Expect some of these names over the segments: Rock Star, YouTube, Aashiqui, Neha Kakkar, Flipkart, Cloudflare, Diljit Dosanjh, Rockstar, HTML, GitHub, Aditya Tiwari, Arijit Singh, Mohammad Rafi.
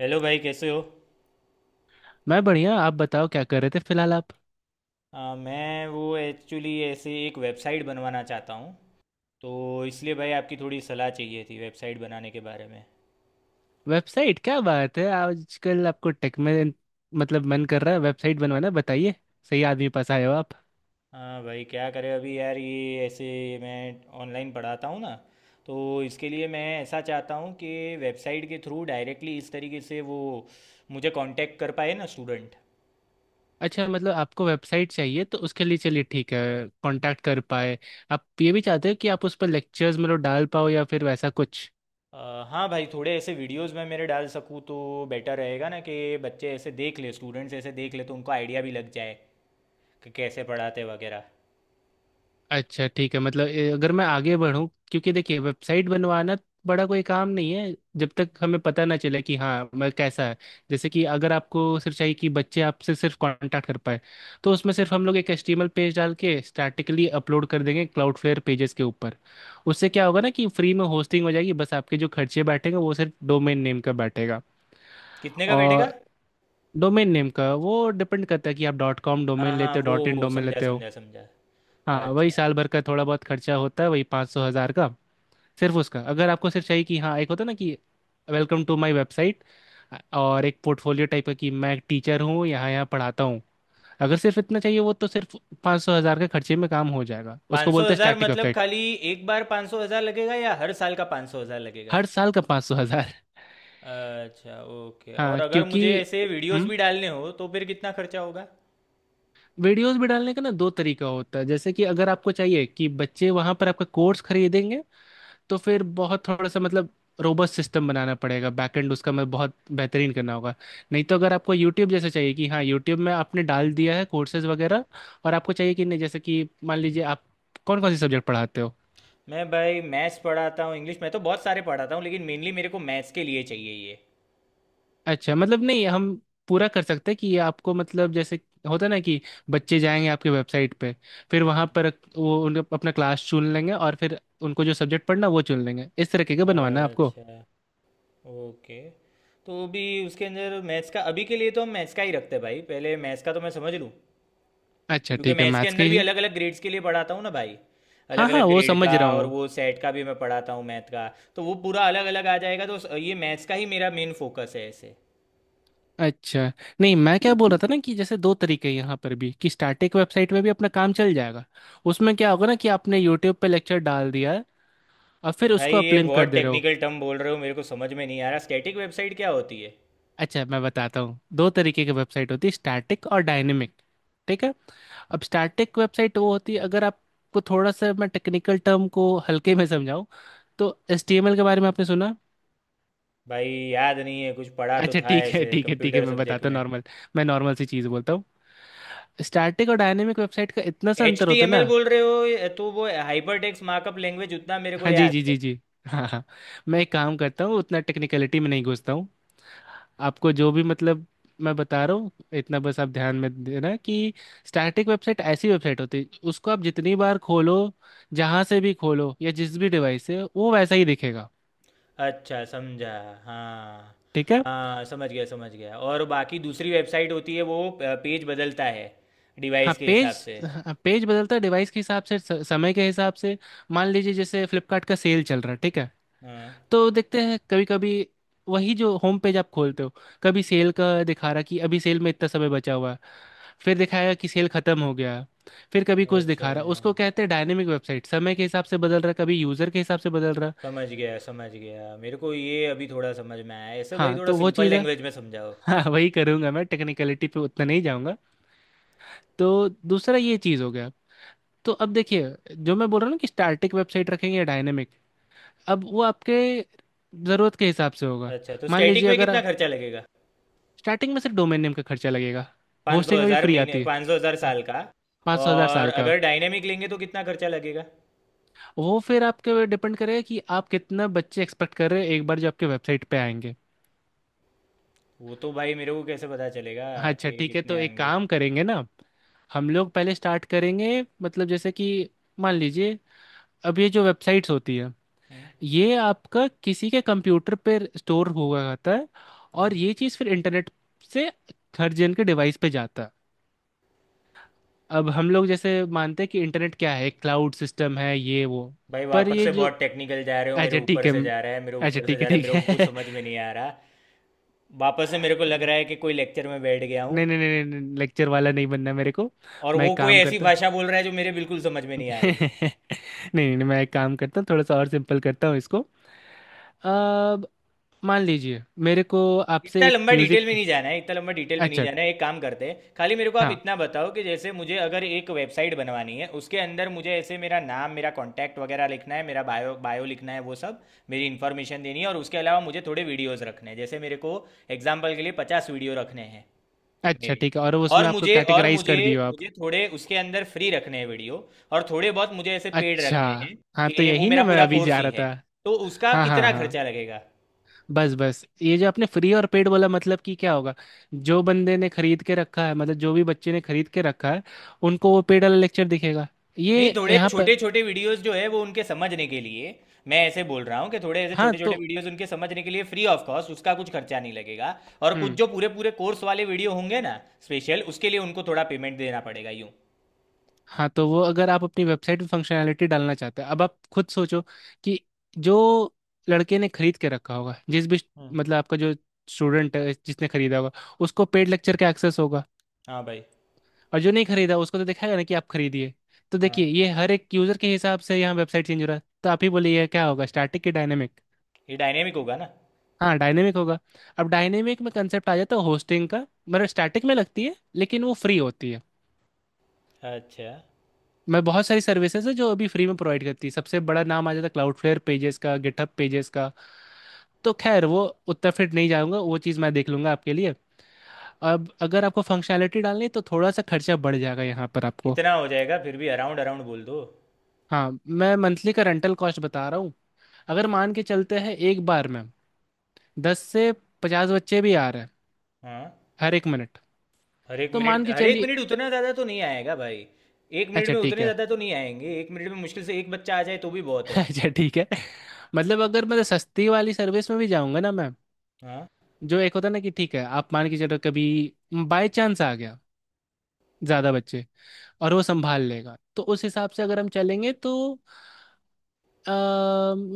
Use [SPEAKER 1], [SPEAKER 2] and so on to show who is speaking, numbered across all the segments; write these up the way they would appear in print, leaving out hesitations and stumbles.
[SPEAKER 1] Hello भाई, कैसे हो?
[SPEAKER 2] मैं बढ़िया। आप बताओ क्या कर रहे थे फिलहाल आप?
[SPEAKER 1] मैं वो एक्चुअली ऐसे एक वेबसाइट बनवाना चाहता हूँ, तो इसलिए भाई आपकी थोड़ी सलाह चाहिए थी वेबसाइट बनाने के बारे में।
[SPEAKER 2] वेबसाइट, क्या बात है! आजकल आपको टेक में मन कर रहा है वेबसाइट बनवाना, बताइए। सही आदमी के पास आए हो आप।
[SPEAKER 1] हाँ भाई, क्या करें अभी यार, ये ऐसे मैं ऑनलाइन पढ़ाता हूँ ना, तो इसके लिए मैं ऐसा चाहता हूँ कि वेबसाइट के थ्रू डायरेक्टली इस तरीके से वो मुझे कांटेक्ट कर पाए ना स्टूडेंट।
[SPEAKER 2] अच्छा, आपको वेबसाइट चाहिए तो उसके लिए चलिए ठीक है। कांटेक्ट कर पाए। आप ये भी चाहते हो कि आप उस पर लेक्चर्स डाल पाओ या फिर वैसा कुछ?
[SPEAKER 1] अ, हाँ भाई, थोड़े ऐसे वीडियोस मैं मेरे डाल सकूँ तो बेटर रहेगा ना, कि बच्चे ऐसे देख ले, स्टूडेंट्स ऐसे देख ले तो उनको आइडिया भी लग जाए कि कैसे पढ़ाते वगैरह।
[SPEAKER 2] अच्छा ठीक है, अगर मैं आगे बढ़ूं, क्योंकि देखिए वेबसाइट बनवाना बड़ा कोई काम नहीं है जब तक हमें पता ना चले कि हाँ मैं कैसा है। जैसे कि अगर आपको सिर्फ चाहिए कि बच्चे आपसे सिर्फ कांटेक्ट कर पाए, तो उसमें सिर्फ हम लोग एक एचटीएमएल पेज डाल के स्टैटिकली अपलोड कर देंगे क्लाउडफ्लेयर पेजेस के ऊपर। उससे क्या होगा ना कि फ्री में होस्टिंग हो जाएगी, बस आपके जो खर्चे बैठेंगे वो सिर्फ डोमेन नेम का बैठेगा।
[SPEAKER 1] कितने का बैठेगा?
[SPEAKER 2] और डोमेन नेम का वो डिपेंड करता है कि आप डॉट कॉम डोमेन
[SPEAKER 1] हाँ हाँ,
[SPEAKER 2] लेते हो
[SPEAKER 1] वो
[SPEAKER 2] डॉट इन
[SPEAKER 1] वो
[SPEAKER 2] डोमेन
[SPEAKER 1] समझा
[SPEAKER 2] लेते हो।
[SPEAKER 1] समझा समझा।
[SPEAKER 2] हाँ, वही
[SPEAKER 1] अच्छा।
[SPEAKER 2] साल भर का थोड़ा बहुत खर्चा होता है, वही 500-1000 का। सिर्फ उसका। अगर आपको सिर्फ चाहिए कि हाँ, एक होता ना कि वेलकम टू माय वेबसाइट, और एक पोर्टफोलियो टाइप का कि मैं एक टीचर हूँ, यहाँ यहाँ पढ़ाता हूँ। अगर सिर्फ इतना चाहिए वो, तो सिर्फ 500-1000 के खर्चे में काम हो जाएगा। उसको
[SPEAKER 1] पाँच सौ
[SPEAKER 2] बोलते हैं
[SPEAKER 1] हज़ार
[SPEAKER 2] स्टैटिक
[SPEAKER 1] मतलब
[SPEAKER 2] वेबसाइट।
[SPEAKER 1] खाली एक बार पाँच सौ हज़ार लगेगा या हर साल का पाँच सौ हज़ार लगेगा?
[SPEAKER 2] हर साल का 500-1000।
[SPEAKER 1] अच्छा, ओके। और
[SPEAKER 2] हाँ,
[SPEAKER 1] अगर
[SPEAKER 2] क्योंकि
[SPEAKER 1] मुझे ऐसे वीडियोस
[SPEAKER 2] हम्म
[SPEAKER 1] भी डालने हो तो फिर कितना खर्चा होगा?
[SPEAKER 2] वीडियोस भी डालने का ना दो तरीका होता है। जैसे कि अगर आपको चाहिए कि बच्चे वहाँ पर आपका कोर्स खरीदेंगे, तो फिर बहुत थोड़ा सा रोबस्ट सिस्टम बनाना पड़ेगा, बैकएंड उसका मैं बहुत बेहतरीन करना होगा। नहीं तो अगर आपको यूट्यूब जैसा चाहिए कि हाँ, यूट्यूब में आपने डाल दिया है कोर्सेज वगैरह, और आपको चाहिए कि नहीं, जैसे कि मान लीजिए आप कौन कौन से सब्जेक्ट पढ़ाते हो?
[SPEAKER 1] मैं भाई मैथ्स पढ़ाता हूँ, इंग्लिश मैं तो बहुत सारे पढ़ाता हूँ लेकिन मेनली मेरे को मैथ्स के लिए चाहिए ये।
[SPEAKER 2] अच्छा, मतलब नहीं हम पूरा कर सकते हैं कि ये आपको, मतलब जैसे होता है ना कि बच्चे जाएंगे आपके वेबसाइट पे, फिर वहाँ पर वो उन अपना क्लास चुन लेंगे, और फिर उनको जो सब्जेक्ट पढ़ना है, वो चुन लेंगे। इस तरीके का बनवाना है आपको?
[SPEAKER 1] अच्छा, ओके। तो भी उसके अंदर मैथ्स का अभी के लिए तो हम मैथ्स का ही रखते हैं भाई, पहले मैथ्स का तो मैं समझ लूँ।
[SPEAKER 2] अच्छा
[SPEAKER 1] क्योंकि
[SPEAKER 2] ठीक है,
[SPEAKER 1] मैं इसके
[SPEAKER 2] मैथ्स का
[SPEAKER 1] अंदर भी
[SPEAKER 2] ही।
[SPEAKER 1] अलग अलग ग्रेड्स के लिए पढ़ाता हूँ ना भाई, अलग
[SPEAKER 2] हाँ हाँ,
[SPEAKER 1] अलग
[SPEAKER 2] वो
[SPEAKER 1] ग्रेड का,
[SPEAKER 2] समझ रहा
[SPEAKER 1] और
[SPEAKER 2] हूँ।
[SPEAKER 1] वो सेट का भी मैं पढ़ाता हूँ मैथ का। तो वो पूरा अलग अलग आ जाएगा, तो ये मैथ्स का ही मेरा मेन फोकस है ऐसे।
[SPEAKER 2] अच्छा। नहीं, मैं क्या बोल रहा था ना कि जैसे दो तरीके हैं यहाँ पर भी, कि स्टैटिक वेबसाइट में भी अपना काम चल जाएगा। उसमें क्या होगा ना कि आपने यूट्यूब पे लेक्चर डाल दिया है और फिर
[SPEAKER 1] भाई
[SPEAKER 2] उसको
[SPEAKER 1] ये
[SPEAKER 2] अपलिंक कर
[SPEAKER 1] बहुत
[SPEAKER 2] दे रहे हो।
[SPEAKER 1] टेक्निकल टर्म बोल रहे हो, मेरे को समझ में नहीं आ रहा स्टैटिक वेबसाइट क्या होती है।
[SPEAKER 2] अच्छा, मैं बताता हूँ, दो तरीके की वेबसाइट होती है, स्टैटिक और डायनेमिक। ठीक है। अब स्टैटिक वेबसाइट वो होती है, अगर आपको थोड़ा सा मैं टेक्निकल टर्म को हल्के में समझाऊँ तो, एचटीएमएल के बारे में आपने सुना?
[SPEAKER 1] भाई याद नहीं है, कुछ पढ़ा तो
[SPEAKER 2] अच्छा
[SPEAKER 1] था
[SPEAKER 2] ठीक है,
[SPEAKER 1] ऐसे
[SPEAKER 2] ठीक है,
[SPEAKER 1] कंप्यूटर
[SPEAKER 2] मैं
[SPEAKER 1] सब्जेक्ट
[SPEAKER 2] बताता हूँ
[SPEAKER 1] में।
[SPEAKER 2] नॉर्मल। मैं नॉर्मल सी चीज़ बोलता हूँ। स्टैटिक और डायनेमिक वेबसाइट का इतना सा
[SPEAKER 1] एच
[SPEAKER 2] अंतर
[SPEAKER 1] टी
[SPEAKER 2] होता है
[SPEAKER 1] एम एल
[SPEAKER 2] ना।
[SPEAKER 1] बोल रहे हो तो वो हाइपर टेक्स्ट मार्कअप लैंग्वेज उतना मेरे को
[SPEAKER 2] हाँ जी,
[SPEAKER 1] याद
[SPEAKER 2] जी
[SPEAKER 1] है।
[SPEAKER 2] जी जी हाँ हाँ। मैं एक काम करता हूँ, उतना टेक्निकलिटी में नहीं घुसता हूँ। आपको जो भी मैं बता रहा हूँ, इतना बस आप ध्यान में देना कि स्टैटिक वेबसाइट ऐसी वेबसाइट होती है, उसको आप जितनी बार खोलो, जहाँ से भी खोलो या जिस भी डिवाइस से, वो वैसा ही दिखेगा।
[SPEAKER 1] अच्छा, समझा। हाँ,
[SPEAKER 2] ठीक है।
[SPEAKER 1] हाँ समझ गया समझ गया, और बाकी दूसरी वेबसाइट होती है वो पेज बदलता है डिवाइस के हिसाब से।
[SPEAKER 2] पेज बदलता है डिवाइस के हिसाब से, समय के हिसाब से। मान लीजिए जैसे फ्लिपकार्ट का सेल चल रहा है, ठीक है।
[SPEAKER 1] हाँ।
[SPEAKER 2] तो देखते हैं कभी कभी, वही जो होम पेज आप खोलते हो, कभी सेल का दिखा रहा कि अभी सेल में इतना समय बचा हुआ है, फिर दिखाया कि सेल खत्म हो गया, फिर कभी कुछ
[SPEAKER 1] अच्छा,
[SPEAKER 2] दिखा रहा। उसको कहते हैं डायनेमिक वेबसाइट, समय के हिसाब से बदल रहा, कभी यूजर के हिसाब से बदल रहा।
[SPEAKER 1] समझ गया समझ गया, मेरे को ये अभी थोड़ा समझ में आया ऐसे। भाई
[SPEAKER 2] हाँ
[SPEAKER 1] थोड़ा
[SPEAKER 2] तो वो
[SPEAKER 1] सिंपल
[SPEAKER 2] चीज़ है।
[SPEAKER 1] लैंग्वेज में समझाओ।
[SPEAKER 2] हाँ, वही करूंगा मैं, टेक्निकलिटी पे उतना नहीं जाऊंगा। तो दूसरा ये चीज़ हो गया। तो अब देखिए, जो मैं बोल रहा हूँ ना कि स्टैटिक वेबसाइट रखेंगे या डायनेमिक, अब वो आपके ज़रूरत के हिसाब से होगा।
[SPEAKER 1] अच्छा, तो
[SPEAKER 2] मान
[SPEAKER 1] स्टैटिक
[SPEAKER 2] लीजिए,
[SPEAKER 1] में
[SPEAKER 2] अगर
[SPEAKER 1] कितना खर्चा लगेगा?
[SPEAKER 2] स्टार्टिंग में सिर्फ डोमेन नेम का खर्चा लगेगा,
[SPEAKER 1] पाँच सौ
[SPEAKER 2] होस्टिंग अभी
[SPEAKER 1] हज़ार
[SPEAKER 2] फ्री
[SPEAKER 1] महीने,
[SPEAKER 2] आती है।
[SPEAKER 1] पाँच सौ हज़ार
[SPEAKER 2] हाँ,
[SPEAKER 1] साल का?
[SPEAKER 2] पाँच सौ हज़ार
[SPEAKER 1] और
[SPEAKER 2] साल का।
[SPEAKER 1] अगर डायनेमिक लेंगे तो कितना खर्चा लगेगा?
[SPEAKER 2] वो फिर आपके डिपेंड करेगा कि आप कितना बच्चे एक्सपेक्ट कर रहे हैं एक बार जो आपके वेबसाइट पे आएंगे।
[SPEAKER 1] वो तो भाई मेरे को कैसे पता चलेगा
[SPEAKER 2] हाँ, अच्छा
[SPEAKER 1] कि
[SPEAKER 2] ठीक है,
[SPEAKER 1] कितने
[SPEAKER 2] तो एक
[SPEAKER 1] आएंगे?
[SPEAKER 2] काम करेंगे ना, हम लोग पहले स्टार्ट करेंगे। जैसे कि मान लीजिए, अब ये जो वेबसाइट्स होती है,
[SPEAKER 1] हम्म,
[SPEAKER 2] ये आपका किसी के कंप्यूटर पे स्टोर हुआ रहता है,
[SPEAKER 1] हम्म।
[SPEAKER 2] और ये चीज़ फिर इंटरनेट से हर जन के डिवाइस पे जाता है। अब हम लोग जैसे मानते हैं कि इंटरनेट क्या है, क्लाउड सिस्टम है, ये वो।
[SPEAKER 1] भाई
[SPEAKER 2] पर
[SPEAKER 1] वापस
[SPEAKER 2] ये
[SPEAKER 1] से
[SPEAKER 2] जो
[SPEAKER 1] बहुत टेक्निकल जा रहे हो, मेरे
[SPEAKER 2] अच्छा
[SPEAKER 1] ऊपर
[SPEAKER 2] ठीक है।
[SPEAKER 1] से जा रहा है, मेरे
[SPEAKER 2] अच्छा
[SPEAKER 1] ऊपर से
[SPEAKER 2] ठीक है,
[SPEAKER 1] जा रहा है,
[SPEAKER 2] ठीक
[SPEAKER 1] मेरे को कुछ
[SPEAKER 2] है।
[SPEAKER 1] समझ में नहीं आ रहा। वापस से मेरे को लग रहा है कि कोई लेक्चर में बैठ गया हूँ,
[SPEAKER 2] नहीं नहीं, लेक्चर वाला नहीं बनना मेरे को।
[SPEAKER 1] और
[SPEAKER 2] मैं
[SPEAKER 1] वो
[SPEAKER 2] एक
[SPEAKER 1] कोई
[SPEAKER 2] काम
[SPEAKER 1] ऐसी
[SPEAKER 2] करता हूँ।
[SPEAKER 1] भाषा बोल रहा है जो मेरे बिल्कुल समझ में नहीं आ रही है।
[SPEAKER 2] नहीं नहीं नहीं, मैं एक काम करता हूँ, थोड़ा सा और सिंपल करता हूँ इसको। अब मान लीजिए मेरे को आपसे
[SPEAKER 1] इतना
[SPEAKER 2] एक
[SPEAKER 1] लंबा डिटेल
[SPEAKER 2] म्यूजिक।
[SPEAKER 1] में नहीं जाना है, इतना लंबा डिटेल में नहीं
[SPEAKER 2] अच्छा,
[SPEAKER 1] जाना है, एक काम करते हैं खाली मेरे को आप
[SPEAKER 2] हाँ।
[SPEAKER 1] इतना बताओ कि जैसे मुझे अगर एक वेबसाइट बनवानी है, उसके अंदर मुझे ऐसे मेरा नाम, मेरा कॉन्टैक्ट वगैरह लिखना है, मेरा बायो बायो लिखना है वो सब, मेरी इन्फॉर्मेशन देनी है। और उसके अलावा मुझे थोड़े वीडियोस रखने हैं, जैसे मेरे को एग्जाम्पल के लिए 50 वीडियो रखने हैं।
[SPEAKER 2] अच्छा
[SPEAKER 1] मेरे
[SPEAKER 2] ठीक है, और उसमें आपको
[SPEAKER 1] और
[SPEAKER 2] कैटेगराइज
[SPEAKER 1] मुझे
[SPEAKER 2] कर दियो आप।
[SPEAKER 1] मुझे थोड़े उसके अंदर फ्री रखने हैं वीडियो, और थोड़े बहुत मुझे ऐसे पेड
[SPEAKER 2] अच्छा,
[SPEAKER 1] रखने हैं,
[SPEAKER 2] हाँ तो
[SPEAKER 1] कि वो
[SPEAKER 2] यही ना
[SPEAKER 1] मेरा
[SPEAKER 2] मैं
[SPEAKER 1] पूरा
[SPEAKER 2] अभी
[SPEAKER 1] कोर्स
[SPEAKER 2] जा
[SPEAKER 1] ही
[SPEAKER 2] रहा था।
[SPEAKER 1] है। तो उसका
[SPEAKER 2] हाँ हाँ
[SPEAKER 1] कितना
[SPEAKER 2] हाँ,
[SPEAKER 1] खर्चा लगेगा?
[SPEAKER 2] बस बस ये जो आपने फ्री और पेड बोला, मतलब कि क्या होगा, जो बंदे ने खरीद के रखा है, मतलब जो भी बच्चे ने खरीद के रखा है, उनको वो पेड वाला लेक्चर दिखेगा। ये
[SPEAKER 1] नहीं, थोड़े
[SPEAKER 2] यहाँ पर
[SPEAKER 1] छोटे छोटे वीडियोस जो है वो उनके समझने के लिए, मैं ऐसे बोल रहा हूँ कि थोड़े ऐसे
[SPEAKER 2] हाँ
[SPEAKER 1] छोटे छोटे
[SPEAKER 2] तो
[SPEAKER 1] वीडियोस उनके समझने के लिए फ्री ऑफ कॉस्ट, उसका कुछ खर्चा नहीं लगेगा। और कुछ
[SPEAKER 2] हम्म।
[SPEAKER 1] जो पूरे पूरे कोर्स वाले वीडियो होंगे ना, स्पेशल उसके लिए उनको थोड़ा पेमेंट देना पड़ेगा यूँ।
[SPEAKER 2] हाँ तो वो, अगर आप अपनी वेबसाइट पे फंक्शनैलिटी डालना चाहते हैं, अब आप खुद सोचो कि जो लड़के ने खरीद के रखा होगा, जिस भी,
[SPEAKER 1] हम्म।
[SPEAKER 2] मतलब आपका जो स्टूडेंट है जिसने खरीदा होगा, उसको पेड लेक्चर का एक्सेस होगा।
[SPEAKER 1] हाँ भाई।
[SPEAKER 2] और जो नहीं खरीदा उसको तो दिखाएगा ना कि आप खरीदिए। तो देखिए
[SPEAKER 1] हाँ,
[SPEAKER 2] ये हर एक यूजर के हिसाब से यहाँ वेबसाइट चेंज हो रहा है। तो आप ही बोलिए ये क्या होगा, स्टैटिक की डायनेमिक?
[SPEAKER 1] ये डायनेमिक होगा ना।
[SPEAKER 2] हाँ, डायनेमिक होगा। अब डायनेमिक में कंसेप्ट आ जाता है होस्टिंग का। मतलब स्टैटिक में लगती है, लेकिन वो फ्री होती है।
[SPEAKER 1] अच्छा,
[SPEAKER 2] मैं, बहुत सारी सर्विसेज है जो अभी फ्री में प्रोवाइड करती है, सबसे बड़ा नाम आ जाता है क्लाउडफ्लेयर पेजेस का, गिटहब पेजेस का। तो खैर वो उतना फिर नहीं जाऊंगा, वो चीज़ मैं देख लूंगा आपके लिए। अब अगर आपको फंक्शनैलिटी डालनी है, तो थोड़ा सा खर्चा बढ़ जाएगा यहाँ पर आपको।
[SPEAKER 1] कितना हो जाएगा फिर भी? अराउंड अराउंड बोल दो।
[SPEAKER 2] हाँ, मैं मंथली का रेंटल कॉस्ट बता रहा हूँ। अगर मान के चलते हैं एक बार में 10 से 50 बच्चे भी आ रहे हैं
[SPEAKER 1] हाँ।
[SPEAKER 2] हर एक मिनट,
[SPEAKER 1] हर एक
[SPEAKER 2] तो
[SPEAKER 1] मिनट,
[SPEAKER 2] मान के
[SPEAKER 1] हर एक
[SPEAKER 2] चलिए।
[SPEAKER 1] मिनट उतना ज़्यादा तो नहीं आएगा भाई, एक मिनट
[SPEAKER 2] अच्छा
[SPEAKER 1] में
[SPEAKER 2] ठीक
[SPEAKER 1] उतने
[SPEAKER 2] है।
[SPEAKER 1] ज़्यादा तो नहीं आएंगे, एक मिनट में मुश्किल से एक बच्चा आ जाए तो भी बहुत है।
[SPEAKER 2] अच्छा ठीक है, मतलब अगर मैं सस्ती वाली सर्विस में भी जाऊंगा ना मैं,
[SPEAKER 1] हाँ।
[SPEAKER 2] जो एक होता है ना कि ठीक है, आप मान के चलो कभी बाय चांस आ गया ज़्यादा बच्चे, और वो संभाल लेगा, तो उस हिसाब से अगर हम चलेंगे तो अ,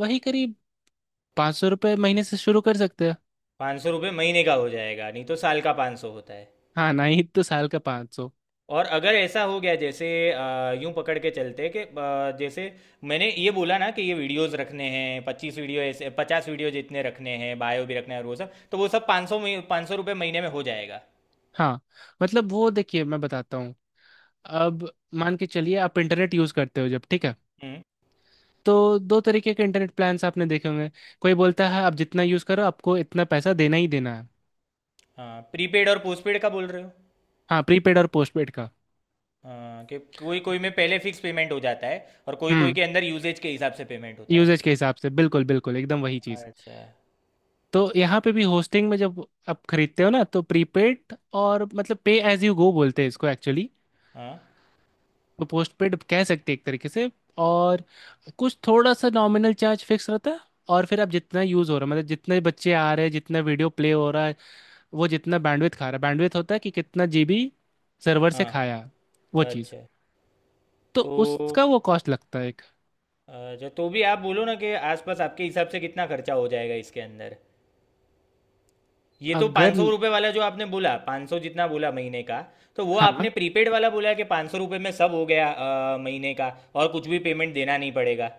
[SPEAKER 2] वही करीब 500 रुपये महीने से शुरू कर सकते हैं।
[SPEAKER 1] 500 रुपये महीने का हो जाएगा नहीं तो साल का पाँच सौ होता है?
[SPEAKER 2] हाँ, नहीं तो साल का पाँच सौ।
[SPEAKER 1] और अगर ऐसा हो गया, जैसे यूं पकड़ के चलते कि जैसे मैंने ये बोला ना कि ये वीडियोस रखने हैं, 25 वीडियो ऐसे, 50 वीडियो जितने रखने हैं, बायो भी रखना है और वो सब, तो वो सब पाँच सौ, पाँच सौ रुपये महीने में हो जाएगा?
[SPEAKER 2] हाँ वो देखिए, मैं बताता हूँ। अब मान के चलिए आप इंटरनेट यूज करते हो जब, ठीक है।
[SPEAKER 1] हम्म।
[SPEAKER 2] तो दो तरीके के इंटरनेट प्लान्स आपने देखे होंगे। कोई बोलता है आप जितना यूज करो आपको इतना पैसा देना ही देना है।
[SPEAKER 1] हाँ, प्रीपेड और पोस्टपेड का बोल रहे हो।
[SPEAKER 2] हाँ, प्रीपेड और पोस्टपेड का।
[SPEAKER 1] हाँ, कि कोई कोई में पहले फिक्स पेमेंट हो जाता है और कोई कोई
[SPEAKER 2] हम्म।
[SPEAKER 1] के अंदर यूजेज के हिसाब से पेमेंट होता है।
[SPEAKER 2] यूजेज के हिसाब से, बिल्कुल बिल्कुल एकदम वही चीज।
[SPEAKER 1] अच्छा।
[SPEAKER 2] तो यहाँ पे भी होस्टिंग में जब आप खरीदते हो ना, तो प्रीपेड, और मतलब पे एज यू गो बोलते हैं इसको एक्चुअली।
[SPEAKER 1] हाँ
[SPEAKER 2] तो पोस्टपेड कह सकते हैं एक तरीके से। और कुछ थोड़ा सा नॉमिनल चार्ज फिक्स रहता है, और फिर आप जितना यूज़ हो रहा है, मतलब जितने बच्चे आ रहे हैं, जितना वीडियो प्ले हो रहा है, वो जितना बैंडविड्थ खा रहा है, बैंडविड्थ होता है कि कितना जीबी सर्वर से
[SPEAKER 1] हाँ।
[SPEAKER 2] खाया, वो चीज़।
[SPEAKER 1] अच्छा
[SPEAKER 2] तो
[SPEAKER 1] तो,
[SPEAKER 2] उसका वो कॉस्ट लगता है एक।
[SPEAKER 1] अच्छा तो भी आप बोलो ना कि आसपास आपके हिसाब से कितना खर्चा हो जाएगा इसके अंदर? ये तो
[SPEAKER 2] अगर
[SPEAKER 1] 500 रुपये वाला जो आपने बोला, पाँच सौ जितना बोला महीने का, तो वो
[SPEAKER 2] हाँ,
[SPEAKER 1] आपने प्रीपेड वाला बोला कि 500 रुपये में सब हो गया, महीने का, और कुछ भी पेमेंट देना नहीं पड़ेगा?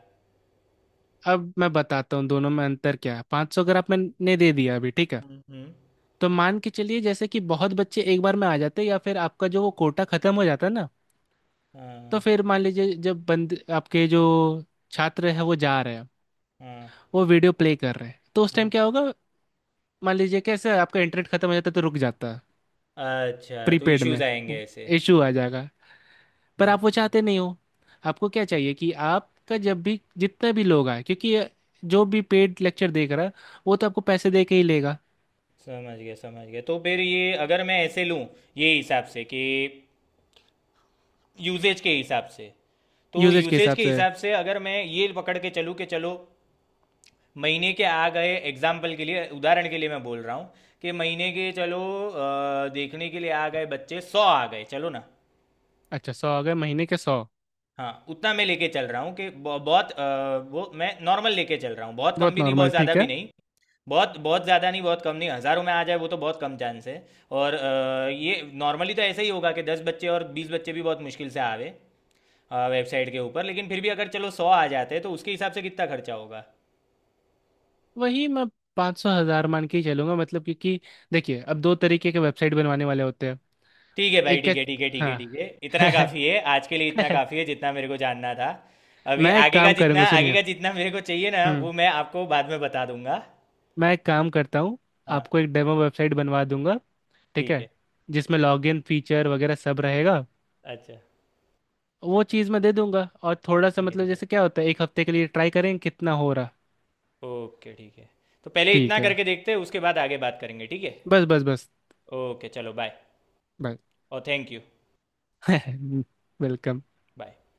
[SPEAKER 2] अब मैं बताता हूँ दोनों में अंतर क्या है। 500 अगर आपने दे दिया अभी, ठीक है,
[SPEAKER 1] हम्म, हम्म।
[SPEAKER 2] तो मान के चलिए जैसे कि बहुत बच्चे एक बार में आ जाते हैं या फिर आपका जो वो कोटा खत्म हो जाता है ना, तो
[SPEAKER 1] हाँ
[SPEAKER 2] फिर मान लीजिए जब बंद आपके जो छात्र है वो जा रहे हैं,
[SPEAKER 1] हाँ
[SPEAKER 2] वो वीडियो प्ले कर रहे हैं, तो उस टाइम
[SPEAKER 1] हाँ।
[SPEAKER 2] क्या होगा? मान लीजिए कैसे आपका इंटरनेट खत्म हो जाता है तो रुक जाता है।
[SPEAKER 1] अच्छा, तो
[SPEAKER 2] प्रीपेड
[SPEAKER 1] इश्यूज
[SPEAKER 2] में
[SPEAKER 1] आएंगे ऐसे।
[SPEAKER 2] इशू आ जाएगा। पर आप वो
[SPEAKER 1] हम्म।
[SPEAKER 2] चाहते नहीं हो। आपको क्या चाहिए कि आपका जब भी जितने भी लोग आए, क्योंकि ये जो भी पेड लेक्चर देख रहा है, वो तो आपको पैसे दे के ही लेगा।
[SPEAKER 1] समझ गया समझ गया। तो फिर ये अगर मैं ऐसे लूँ ये हिसाब से कि यूजेज के हिसाब से, तो
[SPEAKER 2] यूजेज के
[SPEAKER 1] यूसेज
[SPEAKER 2] हिसाब
[SPEAKER 1] के
[SPEAKER 2] से।
[SPEAKER 1] हिसाब से अगर मैं ये पकड़ के चलूँ कि चलो, महीने के आ गए, एग्जाम्पल के लिए, उदाहरण के लिए मैं बोल रहा हूँ कि महीने के चलो देखने के लिए आ गए बच्चे, 100 आ गए चलो ना।
[SPEAKER 2] अच्छा, सौ आ गए महीने के 100।
[SPEAKER 1] हाँ, उतना मैं लेके चल रहा हूँ कि ब बहुत वो मैं नॉर्मल लेके चल रहा हूँ। बहुत कम
[SPEAKER 2] बहुत
[SPEAKER 1] भी नहीं, बहुत
[SPEAKER 2] नॉर्मल,
[SPEAKER 1] ज़्यादा
[SPEAKER 2] ठीक
[SPEAKER 1] भी
[SPEAKER 2] है।
[SPEAKER 1] नहीं। बहुत बहुत ज़्यादा नहीं, बहुत कम नहीं। हज़ारों में आ जाए वो तो बहुत कम चांस है। और ये नॉर्मली तो ऐसा ही होगा कि 10 बच्चे और 20 बच्चे भी बहुत मुश्किल से आवे वेबसाइट के ऊपर। लेकिन फिर भी अगर चलो 100 आ जाते हैं तो उसके हिसाब से कितना खर्चा होगा?
[SPEAKER 2] वही मैं 500-1000 मान के ही चलूंगा, क्योंकि देखिए, अब दो तरीके के वेबसाइट बनवाने वाले होते हैं।
[SPEAKER 1] ठीक है भाई,
[SPEAKER 2] एक है।
[SPEAKER 1] ठीक है, ठीक है, ठीक है,
[SPEAKER 2] हाँ।
[SPEAKER 1] ठीक है। इतना काफ़ी है, आज के लिए इतना काफ़ी है जितना मेरे को जानना था। अभी
[SPEAKER 2] मैं एक काम करूंगा,
[SPEAKER 1] आगे
[SPEAKER 2] सुनिए।
[SPEAKER 1] का जितना मेरे को चाहिए ना,
[SPEAKER 2] हम्म।
[SPEAKER 1] वो मैं आपको बाद में बता दूँगा।
[SPEAKER 2] मैं एक काम करता हूँ,
[SPEAKER 1] हाँ,
[SPEAKER 2] आपको एक डेमो वेबसाइट बनवा दूंगा, ठीक
[SPEAKER 1] ठीक
[SPEAKER 2] है।
[SPEAKER 1] है।
[SPEAKER 2] जिसमें लॉगिन फीचर वगैरह सब रहेगा,
[SPEAKER 1] अच्छा।
[SPEAKER 2] वो चीज़ मैं दे दूंगा। और थोड़ा सा
[SPEAKER 1] ठीक है, ठीक है,
[SPEAKER 2] जैसे क्या होता है, एक हफ्ते के लिए ट्राई करेंगे कितना हो रहा।
[SPEAKER 1] ओके ठीक है, तो पहले इतना
[SPEAKER 2] ठीक है।
[SPEAKER 1] करके देखते हैं उसके बाद आगे बात करेंगे ठीक है।
[SPEAKER 2] बस बस बस
[SPEAKER 1] ओके चलो, बाय।
[SPEAKER 2] बाय।
[SPEAKER 1] और थैंक यू।
[SPEAKER 2] वेलकम।
[SPEAKER 1] बाय।